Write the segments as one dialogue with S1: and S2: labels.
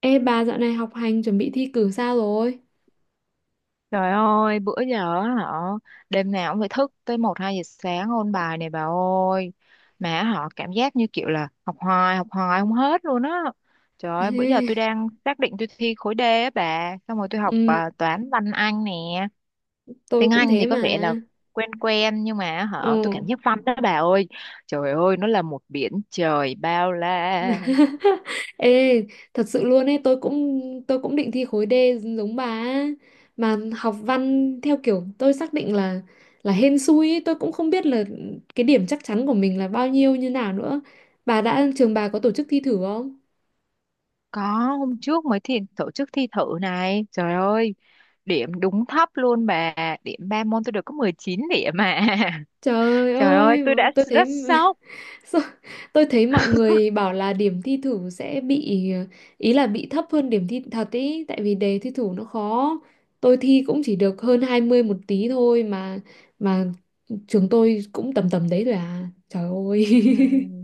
S1: Ê bà, dạo này học hành chuẩn bị thi cử sao rồi?
S2: Trời ơi, bữa giờ á họ đêm nào cũng phải thức tới một 2 giờ sáng ôn bài này bà ơi. Mà họ cảm giác như kiểu là học hoài không hết luôn á. Trời ơi, bữa giờ tôi
S1: Ê,
S2: đang xác định tôi thi khối D á bà, xong rồi tôi học
S1: ừ,
S2: toán văn Anh nè.
S1: tôi
S2: Tiếng
S1: cũng
S2: Anh
S1: thế
S2: thì có vẻ
S1: mà.
S2: là quen quen nhưng mà
S1: Ồ.
S2: họ tôi cảm giác văn đó bà ơi. Trời ơi, nó là một biển trời bao la.
S1: Ê, thật sự luôn ấy, tôi cũng định thi khối D giống bà á. Mà học văn theo kiểu tôi xác định là hên xui ấy, tôi cũng không biết là cái điểm chắc chắn của mình là bao nhiêu như nào nữa. Bà, đã trường bà có tổ chức thi thử không?
S2: Có, hôm trước mới thi tổ chức thi thử này. Trời ơi, điểm đúng thấp luôn bà. Điểm 3 môn tôi được có 19 điểm mà.
S1: Trời
S2: Trời ơi,
S1: ơi,
S2: tôi đã
S1: tôi thấy.
S2: rất sốc.
S1: Sao- Tôi thấy mọi người bảo là điểm thi thử sẽ bị, ý là bị thấp hơn điểm thi thật ý, tại vì đề thi thử nó khó. Tôi thi cũng chỉ được hơn 20 một tí thôi mà trường tôi cũng tầm tầm đấy rồi à. Trời ơi.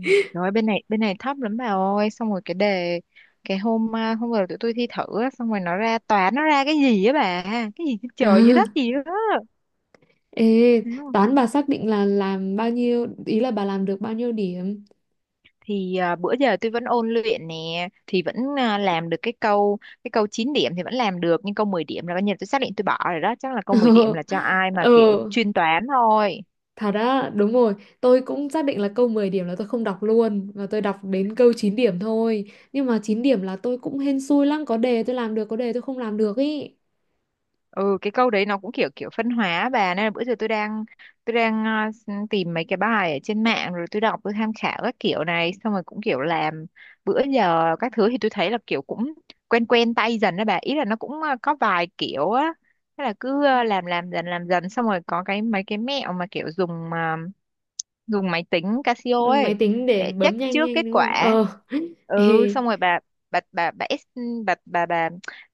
S2: Rồi bên này thấp lắm bà ơi, xong rồi cái đề hôm rồi tụi tôi thi thử á, xong rồi nó ra toán nó ra cái gì á bà, cái gì trên
S1: À,
S2: trời dưới đất gì đó.
S1: ê,
S2: Thấy không?
S1: toán bà xác định là làm bao nhiêu, ý là bà làm được bao nhiêu điểm?
S2: Bữa giờ tôi vẫn ôn luyện nè thì làm được cái câu 9 điểm thì vẫn làm được, nhưng câu 10 điểm là coi như là tôi xác định tôi bỏ rồi đó, chắc là câu 10 điểm
S1: Ờ.
S2: là cho ai mà kiểu
S1: Ờ.
S2: chuyên toán thôi.
S1: Thật á, đúng rồi, tôi cũng xác định là câu 10 điểm là tôi không đọc luôn, và tôi đọc đến câu 9 điểm thôi. Nhưng mà 9 điểm là tôi cũng hên xui lắm, có đề tôi làm được, có đề tôi không làm được ý.
S2: Ừ, cái câu đấy nó cũng kiểu kiểu phân hóa á bà, nên là bữa giờ tôi đang ờ, s- tìm mấy cái bài ở trên mạng rồi tôi đọc tôi tham khảo các kiểu này xong rồi cũng kiểu làm. Bữa giờ các thứ thì tôi thấy là kiểu cũng quen quen tay dần đó bà, ý là nó cũng có vài kiểu á, thế là cứ làm dần xong rồi có cái mấy cái mẹo mà kiểu dùng máy tính Casio
S1: Máy
S2: ấy
S1: tính để
S2: để
S1: bấm
S2: check
S1: nhanh
S2: trước
S1: nhanh
S2: kết
S1: đúng không?
S2: quả.
S1: Ờ.
S2: Ừ,
S1: Ê,
S2: xong rồi bà bà bà bà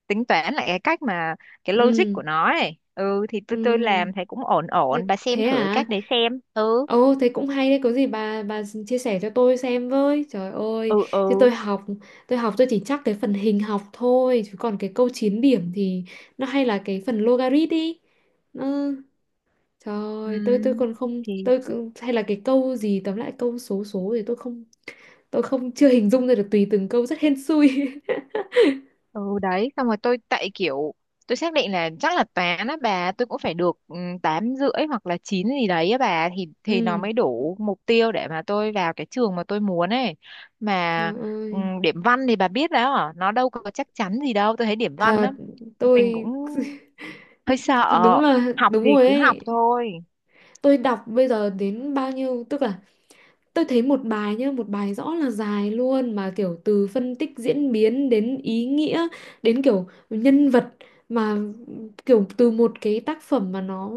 S2: tính toán lại cái cách mà cái logic
S1: ừ,
S2: của nó ấy. Ừ thì tôi
S1: ừ.
S2: làm thấy cũng ổn
S1: Thế,
S2: ổn bà, xem
S1: thế
S2: thử cái
S1: à?
S2: cách đấy xem. Ừ
S1: Ồ, thế cũng hay đấy, có gì bà chia sẻ cho tôi xem với. Trời ơi,
S2: ừ
S1: chứ tôi
S2: ừ
S1: học, tôi học tôi chỉ chắc cái phần hình học thôi, chứ còn cái câu 9 điểm thì nó hay là cái phần logarit đi. Ừ. Trời ơi, tôi
S2: Ừm,
S1: còn không,
S2: thì
S1: hay là cái câu gì, tóm lại câu số số thì tôi không chưa hình dung ra được, tùy từng câu rất hên xui.
S2: ừ đấy xong rồi tôi tại kiểu tôi xác định là chắc là toán á bà, tôi cũng phải được 8,5 hoặc là chín gì đấy á bà, thì nó
S1: Ừ,
S2: mới đủ mục tiêu để mà tôi vào cái trường mà tôi muốn ấy. Mà
S1: trời ơi,
S2: điểm văn thì bà biết đó hả? Nó đâu có chắc chắn gì đâu, tôi thấy điểm văn
S1: thật
S2: á, mình
S1: tôi.
S2: cũng hơi sợ,
S1: Đúng là
S2: học
S1: đúng
S2: thì
S1: rồi
S2: cứ học
S1: ấy.
S2: thôi.
S1: Tôi đọc bây giờ đến bao nhiêu, tức là tôi thấy một bài nhá, một bài rõ là dài luôn, mà kiểu từ phân tích diễn biến đến ý nghĩa, đến kiểu nhân vật, mà kiểu từ một cái tác phẩm mà nó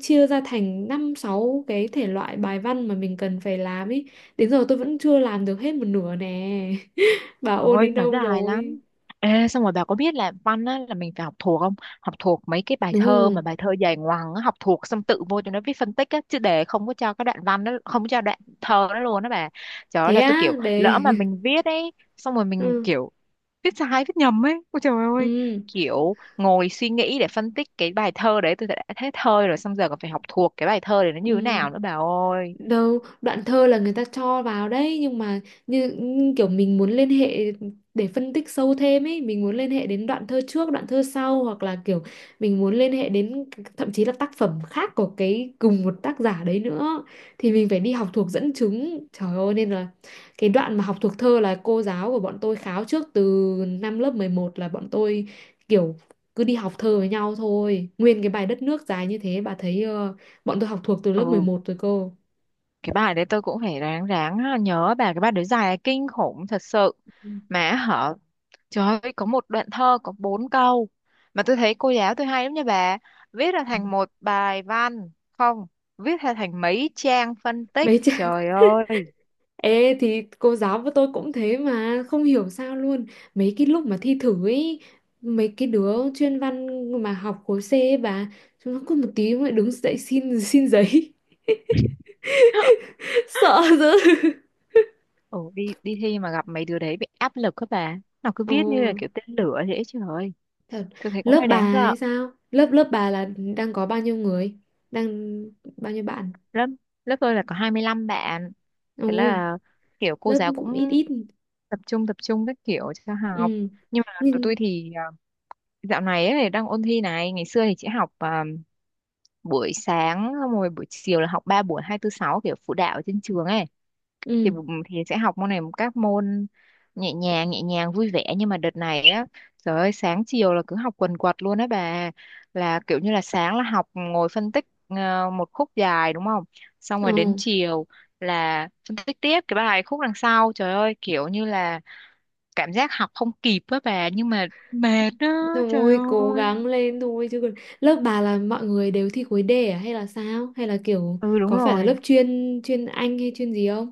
S1: chia ra thành năm sáu cái thể loại bài văn mà mình cần phải làm ấy. Đến giờ tôi vẫn chưa làm được hết một nửa nè. Bà
S2: Trời
S1: ôn
S2: ơi,
S1: đến
S2: nó
S1: đâu
S2: dài
S1: rồi?
S2: lắm. Ê, xong rồi bà có biết là văn á, là mình phải học thuộc không? Học thuộc mấy cái bài
S1: Đúng
S2: thơ
S1: rồi.
S2: mà bài thơ dài ngoằng á, học thuộc xong tự vô cho nó viết phân tích á, chứ để không có cho cái đoạn văn đó, không có cho đoạn thơ đó luôn đó bà. Trời ơi
S1: Thế
S2: là tôi
S1: á,
S2: kiểu
S1: đề.
S2: lỡ mà mình viết ấy, xong rồi mình
S1: Ừ.
S2: kiểu viết sai viết nhầm ấy. Ôi trời ơi,
S1: Ừ.
S2: kiểu ngồi suy nghĩ để phân tích cái bài thơ đấy, tôi đã thấy thơ rồi xong giờ còn phải học thuộc cái bài thơ để nó như thế
S1: Ừ.
S2: nào nữa bà ơi.
S1: Đâu đoạn thơ là người ta cho vào đấy, nhưng mà như như kiểu mình muốn liên hệ để phân tích sâu thêm ấy, mình muốn liên hệ đến đoạn thơ trước đoạn thơ sau, hoặc là kiểu mình muốn liên hệ đến, thậm chí là tác phẩm khác của cái cùng một tác giả đấy nữa, thì mình phải đi học thuộc dẫn chứng, trời ơi, nên là cái đoạn mà học thuộc thơ là cô giáo của bọn tôi kháo trước từ năm lớp 11 là bọn tôi kiểu cứ đi học thơ với nhau thôi, nguyên cái bài đất nước dài như thế bà thấy, bọn tôi học thuộc từ lớp mười
S2: Ừ,
S1: một rồi cô.
S2: cái bài đấy tôi cũng phải ráng ráng nhớ bà, cái bài đấy dài kinh khủng thật sự mà hả. Trời ơi, có một đoạn thơ có 4 câu mà tôi thấy cô giáo tôi hay lắm nha bà, viết ra thành một bài văn không, viết ra thành mấy trang phân tích,
S1: Mấy chứ.
S2: trời ơi.
S1: Ê thì cô giáo của tôi cũng thế mà. Không hiểu sao luôn. Mấy cái lúc mà thi thử ấy, mấy cái đứa chuyên văn mà học khối C ấy bà, chúng nó cứ một tí lại đứng dậy xin xin giấy. Sợ dữ.
S2: Ồ, đi đi thi mà gặp mấy đứa đấy bị áp lực các bà, nó cứ
S1: Ồ,
S2: viết như là kiểu tên lửa thế, trời ơi,
S1: thật.
S2: tôi thấy cũng
S1: Lớp
S2: hơi
S1: bà
S2: đáng sợ.
S1: ấy sao? Lớp lớp bà là đang có bao nhiêu người? Đang bao nhiêu bạn?
S2: Lớp lớp tôi là có 25 bạn, thế
S1: Ồ,
S2: là kiểu cô
S1: lớp
S2: giáo
S1: cũng ít
S2: cũng
S1: ít.
S2: tập trung các kiểu cho học,
S1: Ừ.
S2: nhưng mà tụi tôi
S1: Nhưng.
S2: thì dạo này ấy, đang ôn thi này, ngày xưa thì chỉ học buổi sáng xong rồi buổi chiều là học 3 buổi hai tư sáu kiểu phụ đạo ở trên trường ấy, thì
S1: Ừ.
S2: thì sẽ học môn này, các môn nhẹ nhàng vui vẻ, nhưng mà đợt này á trời ơi, sáng chiều là cứ học quần quật luôn á bà, là kiểu như là sáng là học ngồi phân tích một khúc dài đúng không, xong rồi
S1: Ồ.
S2: đến chiều là phân tích tiếp cái bài khúc đằng sau. Trời ơi, kiểu như là cảm giác học không kịp á bà, nhưng mà mệt á, trời
S1: Thôi cố gắng
S2: ơi.
S1: lên thôi, chứ còn lớp bà là mọi người đều thi khối D à? Hay là sao? Hay là kiểu
S2: Ừ, đúng
S1: có phải là lớp
S2: rồi.
S1: chuyên chuyên Anh hay chuyên gì không?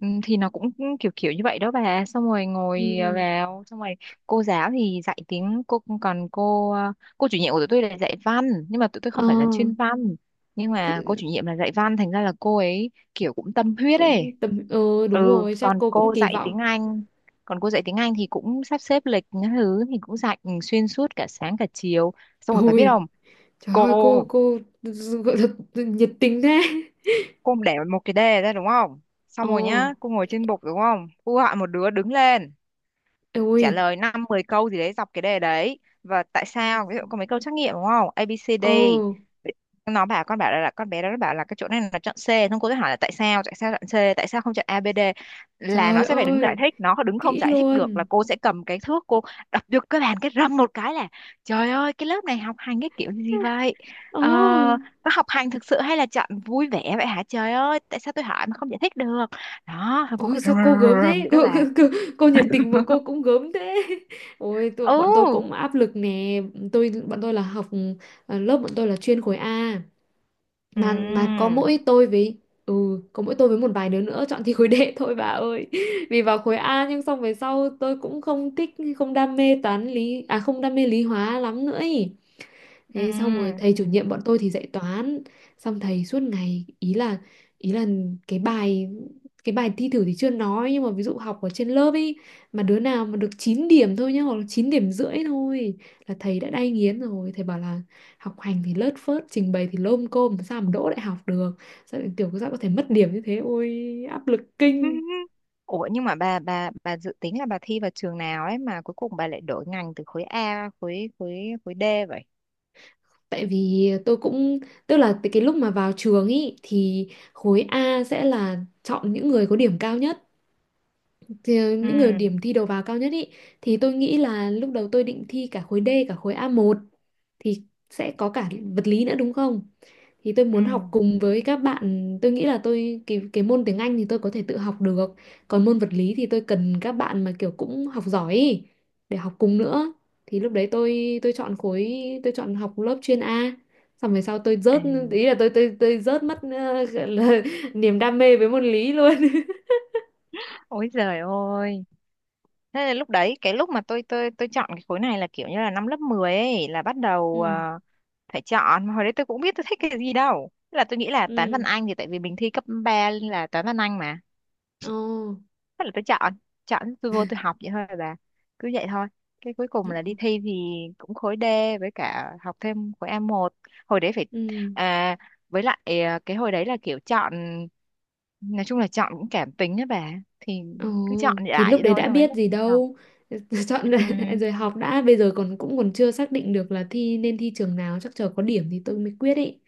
S2: Ừ, thì nó cũng kiểu kiểu như vậy đó bà, xong rồi ngồi
S1: Ừ.
S2: vào xong rồi cô giáo thì dạy tiếng, cô còn cô chủ nhiệm của tụi tôi là dạy văn, nhưng mà tụi tôi không
S1: Ờ
S2: phải là chuyên văn, nhưng mà cô chủ nhiệm là dạy văn thành ra là cô ấy kiểu cũng tâm huyết ấy.
S1: cũng tầm,
S2: Ừ,
S1: đúng rồi chắc
S2: còn
S1: cô cũng
S2: cô
S1: kỳ
S2: dạy tiếng
S1: vọng.
S2: Anh, còn cô dạy tiếng Anh thì cũng sắp xếp lịch những thứ thì cũng dạy xuyên suốt cả sáng cả chiều, xong rồi bà biết
S1: Ui
S2: không,
S1: trời ơi,
S2: cô
S1: cô gọi là nhiệt tình thế.
S2: cô để một cái đề ra đúng không,
S1: Ờ,
S2: xong rồi nhá cô ngồi trên bục đúng không, cô gọi một đứa đứng lên trả
S1: ui.
S2: lời 5 10 câu gì đấy dọc cái đề đấy và tại sao. Ví dụ có mấy câu trắc nghiệm đúng không, A B C
S1: Ờ,
S2: D nó bảo con bảo là con bé đó nó bảo là cái chỗ này là chọn C, xong cô sẽ hỏi là tại sao chọn C, tại sao không chọn ABD, là nó
S1: trời
S2: sẽ phải đứng giải
S1: ơi,
S2: thích, nó có đứng không
S1: kỹ
S2: giải thích được là
S1: luôn.
S2: cô sẽ cầm cái thước cô đập vô cái bàn cái râm một cái là, trời ơi, cái lớp này học hành cái kiểu gì vậy,
S1: Ồ.
S2: ờ, có học hành thực sự hay là chọn vui vẻ vậy hả, trời ơi, tại sao tôi hỏi mà không giải thích được, đó thôi cô cứ
S1: Ôi sao
S2: rầm rầm
S1: cô gớm
S2: rầm rầm
S1: thế,
S2: vậy đó
S1: cô, cô,
S2: bà.
S1: cô, cô nhiệt tình mà cô cũng gớm thế. Ôi, tôi
S2: Ừ,
S1: bọn tôi cũng áp lực nè. Tôi, bọn tôi là học, lớp bọn tôi là chuyên khối A.
S2: ừ,
S1: Mà có mỗi tôi với. Ừ, có mỗi tôi với một vài đứa nữa chọn thi khối D thôi bà ơi. Vì vào khối A nhưng xong về sau tôi cũng không thích. Không đam mê toán lý. À, không đam mê lý hóa lắm nữa ý.
S2: ừ.
S1: Thế xong rồi thầy chủ nhiệm bọn tôi thì dạy toán, xong thầy suốt ngày, ý là cái bài cái bài thi thử thì chưa nói, nhưng mà ví dụ học ở trên lớp ấy, mà đứa nào mà được 9 điểm thôi nhá, hoặc là 9 điểm rưỡi thôi, là thầy đã đay nghiến rồi, thầy bảo là học hành thì lớt phớt, trình bày thì lôm côm, sao mà đỗ đại học được, sao lại, sao có thể mất điểm như thế, ôi áp lực kinh.
S2: Ủa, nhưng mà bà dự tính là bà thi vào trường nào ấy mà cuối cùng bà lại đổi ngành từ khối A khối khối khối D vậy?
S1: Tại vì tôi cũng, tức là cái lúc mà vào trường ý thì khối A sẽ là chọn những người có điểm cao nhất, thì
S2: Ừ,
S1: những người điểm thi đầu vào cao nhất ý, thì tôi nghĩ là lúc đầu tôi định thi cả khối D cả khối a một, thì sẽ có cả vật lý nữa đúng không? Thì tôi muốn học
S2: ừ.
S1: cùng với các bạn, tôi nghĩ là tôi, cái môn tiếng Anh thì tôi có thể tự học được, còn môn vật lý thì tôi cần các bạn mà kiểu cũng học giỏi ý, để học cùng nữa. Thì lúc đấy tôi chọn học lớp chuyên A. Xong về sau tôi
S2: À.
S1: rớt, ý là tôi rớt mất, gọi là niềm đam mê với môn lý luôn.
S2: Ôi giời ơi. Thế là lúc đấy cái lúc mà tôi chọn cái khối này là kiểu như là năm lớp 10 ấy là bắt đầu
S1: Ừ.
S2: phải chọn, mà hồi đấy tôi cũng biết tôi thích cái gì đâu. Thế là tôi nghĩ là toán văn
S1: Ừ.
S2: Anh thì tại vì mình thi cấp 3 là toán văn Anh mà.
S1: Ồ.
S2: Thế là tôi chọn, tôi vô tôi học vậy thôi bà. Cứ vậy thôi. Cái cuối cùng là đi thi thì cũng khối D với cả học thêm khối A1. Hồi đấy phải
S1: Ừ.
S2: à, với lại cái hồi đấy là kiểu chọn, nói chung là chọn cũng cảm tính á bà, thì
S1: Ồ,
S2: cứ chọn
S1: thì
S2: lại
S1: lúc
S2: vậy
S1: đấy
S2: thôi
S1: đã
S2: xong đến
S1: biết
S2: lúc
S1: gì
S2: vô học.
S1: đâu. Chọn
S2: Ừ.
S1: lại rồi. Học đã, bây giờ còn cũng còn chưa xác định được là thi nên thi trường nào, chắc chờ có điểm thì tôi mới quyết ý.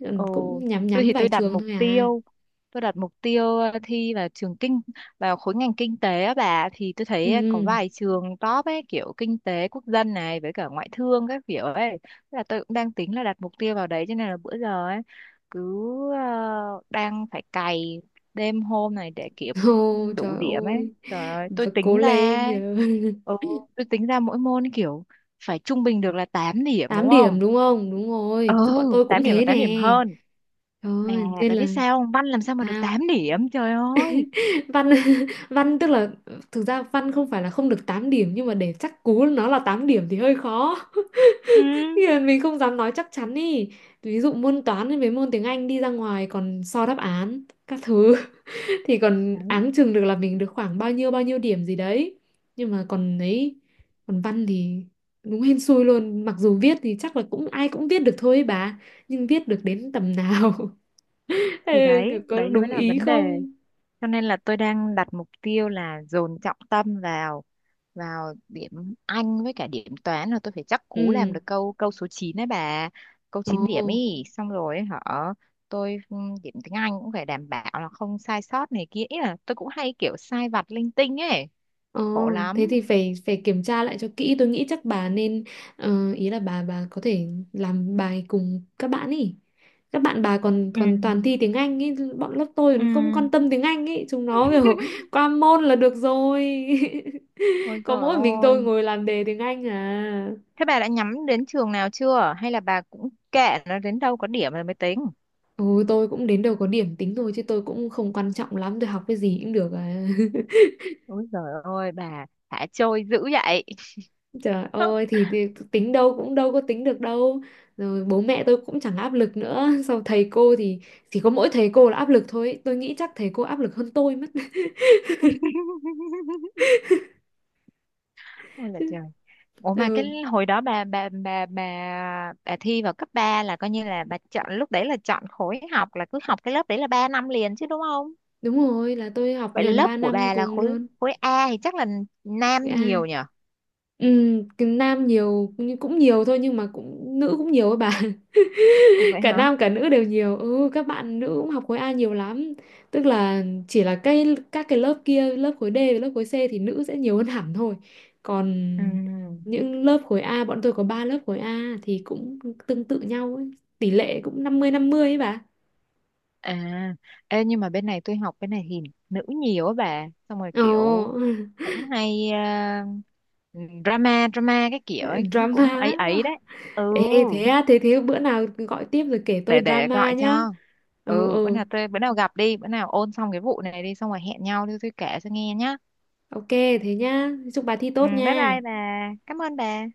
S1: Còn
S2: Ồ,
S1: cũng nhắm
S2: tôi
S1: nhắm
S2: thì
S1: vài
S2: tôi đặt
S1: trường
S2: mục
S1: thôi à.
S2: tiêu tôi đặt mục tiêu thi vào trường kinh vào khối ngành kinh tế á bà, thì tôi thấy có
S1: Ừ.
S2: vài trường top ấy kiểu kinh tế quốc dân này với cả ngoại thương các kiểu ấy. Thế là tôi cũng đang tính là đặt mục tiêu vào đấy, cho nên là bữa giờ ấy cứ đang phải cày đêm hôm này để kịp
S1: Ồ,
S2: đủ
S1: trời
S2: điểm ấy,
S1: ơi.
S2: trời ơi,
S1: Và cố lên giờ.
S2: ừ, tôi tính ra mỗi môn kiểu phải trung bình được là 8 điểm
S1: Tám
S2: đúng
S1: điểm
S2: không,
S1: đúng không? Đúng
S2: ừ
S1: rồi. Bọn tôi cũng
S2: 8 điểm và
S1: thế nè.
S2: 8 điểm hơn,
S1: Trời
S2: mà
S1: ơi, nên
S2: bà biết
S1: là
S2: sao không? Văn làm sao mà được
S1: sao?
S2: 8 điểm, trời ơi.
S1: Văn. Văn tức là, thực ra văn không phải là không được 8 điểm, nhưng mà để chắc cú nó là 8 điểm thì hơi khó.
S2: Ừ,
S1: Thì là mình không dám nói chắc chắn ý, ví dụ môn toán với mấy môn tiếng Anh đi ra ngoài còn so đáp án các thứ thì còn
S2: đấy,
S1: áng chừng được là mình được khoảng bao nhiêu điểm gì đấy, nhưng mà còn ấy, còn văn thì đúng hên xui luôn, mặc dù viết thì chắc là cũng ai cũng viết được thôi ấy bà, nhưng viết được đến tầm nào.
S2: thì
S1: Ê,
S2: đấy,
S1: có
S2: đấy mới
S1: đúng
S2: là
S1: ý
S2: vấn đề.
S1: không?
S2: Cho nên là tôi đang đặt mục tiêu là dồn trọng tâm vào vào điểm Anh với cả điểm toán, là tôi phải chắc cú làm
S1: Ừ.
S2: được câu câu số 9 đấy bà. Câu chín
S1: Ồ.
S2: điểm ý, xong rồi hả? Tôi điểm tiếng Anh cũng phải đảm bảo là không sai sót này kia. Ý là tôi cũng hay kiểu sai vặt linh tinh ấy,
S1: Ờ,
S2: khổ lắm.
S1: thế thì phải phải kiểm tra lại cho kỹ. Tôi nghĩ chắc bà nên, ý là bà có thể làm bài cùng các bạn ý. Các bạn bà còn
S2: Ừ,
S1: còn toàn thi tiếng Anh ý, bọn lớp tôi
S2: ừ.
S1: nó không quan tâm tiếng Anh ý, chúng nó kiểu qua môn là được rồi.
S2: Ôi
S1: Có
S2: trời
S1: mỗi mình tôi
S2: ơi.
S1: ngồi làm đề tiếng Anh à.
S2: Thế bà đã nhắm đến trường nào chưa? Hay là bà cũng kệ nó đến đâu có điểm rồi mới tính?
S1: Ôi tôi cũng đến đầu có điểm tính thôi, chứ tôi cũng không quan trọng lắm, tôi học cái gì cũng được à.
S2: Ôi giời ơi, bà thả trôi dữ vậy.
S1: Trời ơi, thì tính đâu cũng đâu có tính được đâu. Rồi bố mẹ tôi cũng chẳng áp lực nữa. Sau thầy cô thì chỉ có mỗi thầy cô là áp lực thôi, tôi nghĩ chắc thầy cô áp lực hơn tôi mất.
S2: Ôi là
S1: Chứ-
S2: trời. Ủa mà
S1: ừ,
S2: cái hồi đó bà thi vào cấp 3 là coi như là bà chọn lúc đấy là chọn khối học là cứ học cái lớp đấy là 3 năm liền chứ đúng không?
S1: đúng rồi, là tôi học
S2: Vậy là
S1: liền
S2: lớp
S1: 3
S2: của
S1: năm
S2: bà là
S1: cùng
S2: khối
S1: luôn.
S2: khối A thì chắc là nam
S1: À,
S2: nhiều nhỉ?
S1: ừ, cái nam nhiều nhưng cũng nhiều thôi, nhưng mà cũng nữ cũng nhiều ấy bà.
S2: Ủa vậy
S1: Cả
S2: hả?
S1: nam cả nữ đều nhiều, ừ các bạn nữ cũng học khối A nhiều lắm, tức là chỉ là các cái lớp kia, lớp khối D và lớp khối C thì nữ sẽ nhiều hơn hẳn thôi, còn
S2: Ừ.
S1: những lớp khối A bọn tôi có 3 lớp khối A thì cũng tương tự nhau ấy. Tỷ lệ cũng 50 50 ấy bà.
S2: À, ê, nhưng mà bên này tôi học bên này thì nữ nhiều á bà, xong rồi
S1: Ồ.
S2: kiểu cũng hay ờ, drama drama cái kiểu ấy, cũng,
S1: Drama
S2: cũng ấy ấy
S1: á.
S2: đấy. Ừ,
S1: Ê thế á, thế thế bữa nào gọi tiếp rồi kể tôi
S2: để
S1: drama
S2: gọi
S1: nhá.
S2: cho.
S1: Ừ,
S2: Ừ,
S1: ừ,
S2: bữa nào gặp đi, bữa nào ôn xong cái vụ này đi xong rồi hẹn nhau đi tôi kể cho nghe nhá.
S1: ok, thế nhá, chúc bà thi
S2: Ừ,
S1: tốt
S2: bye
S1: nha.
S2: bye bà. Cảm ơn bà.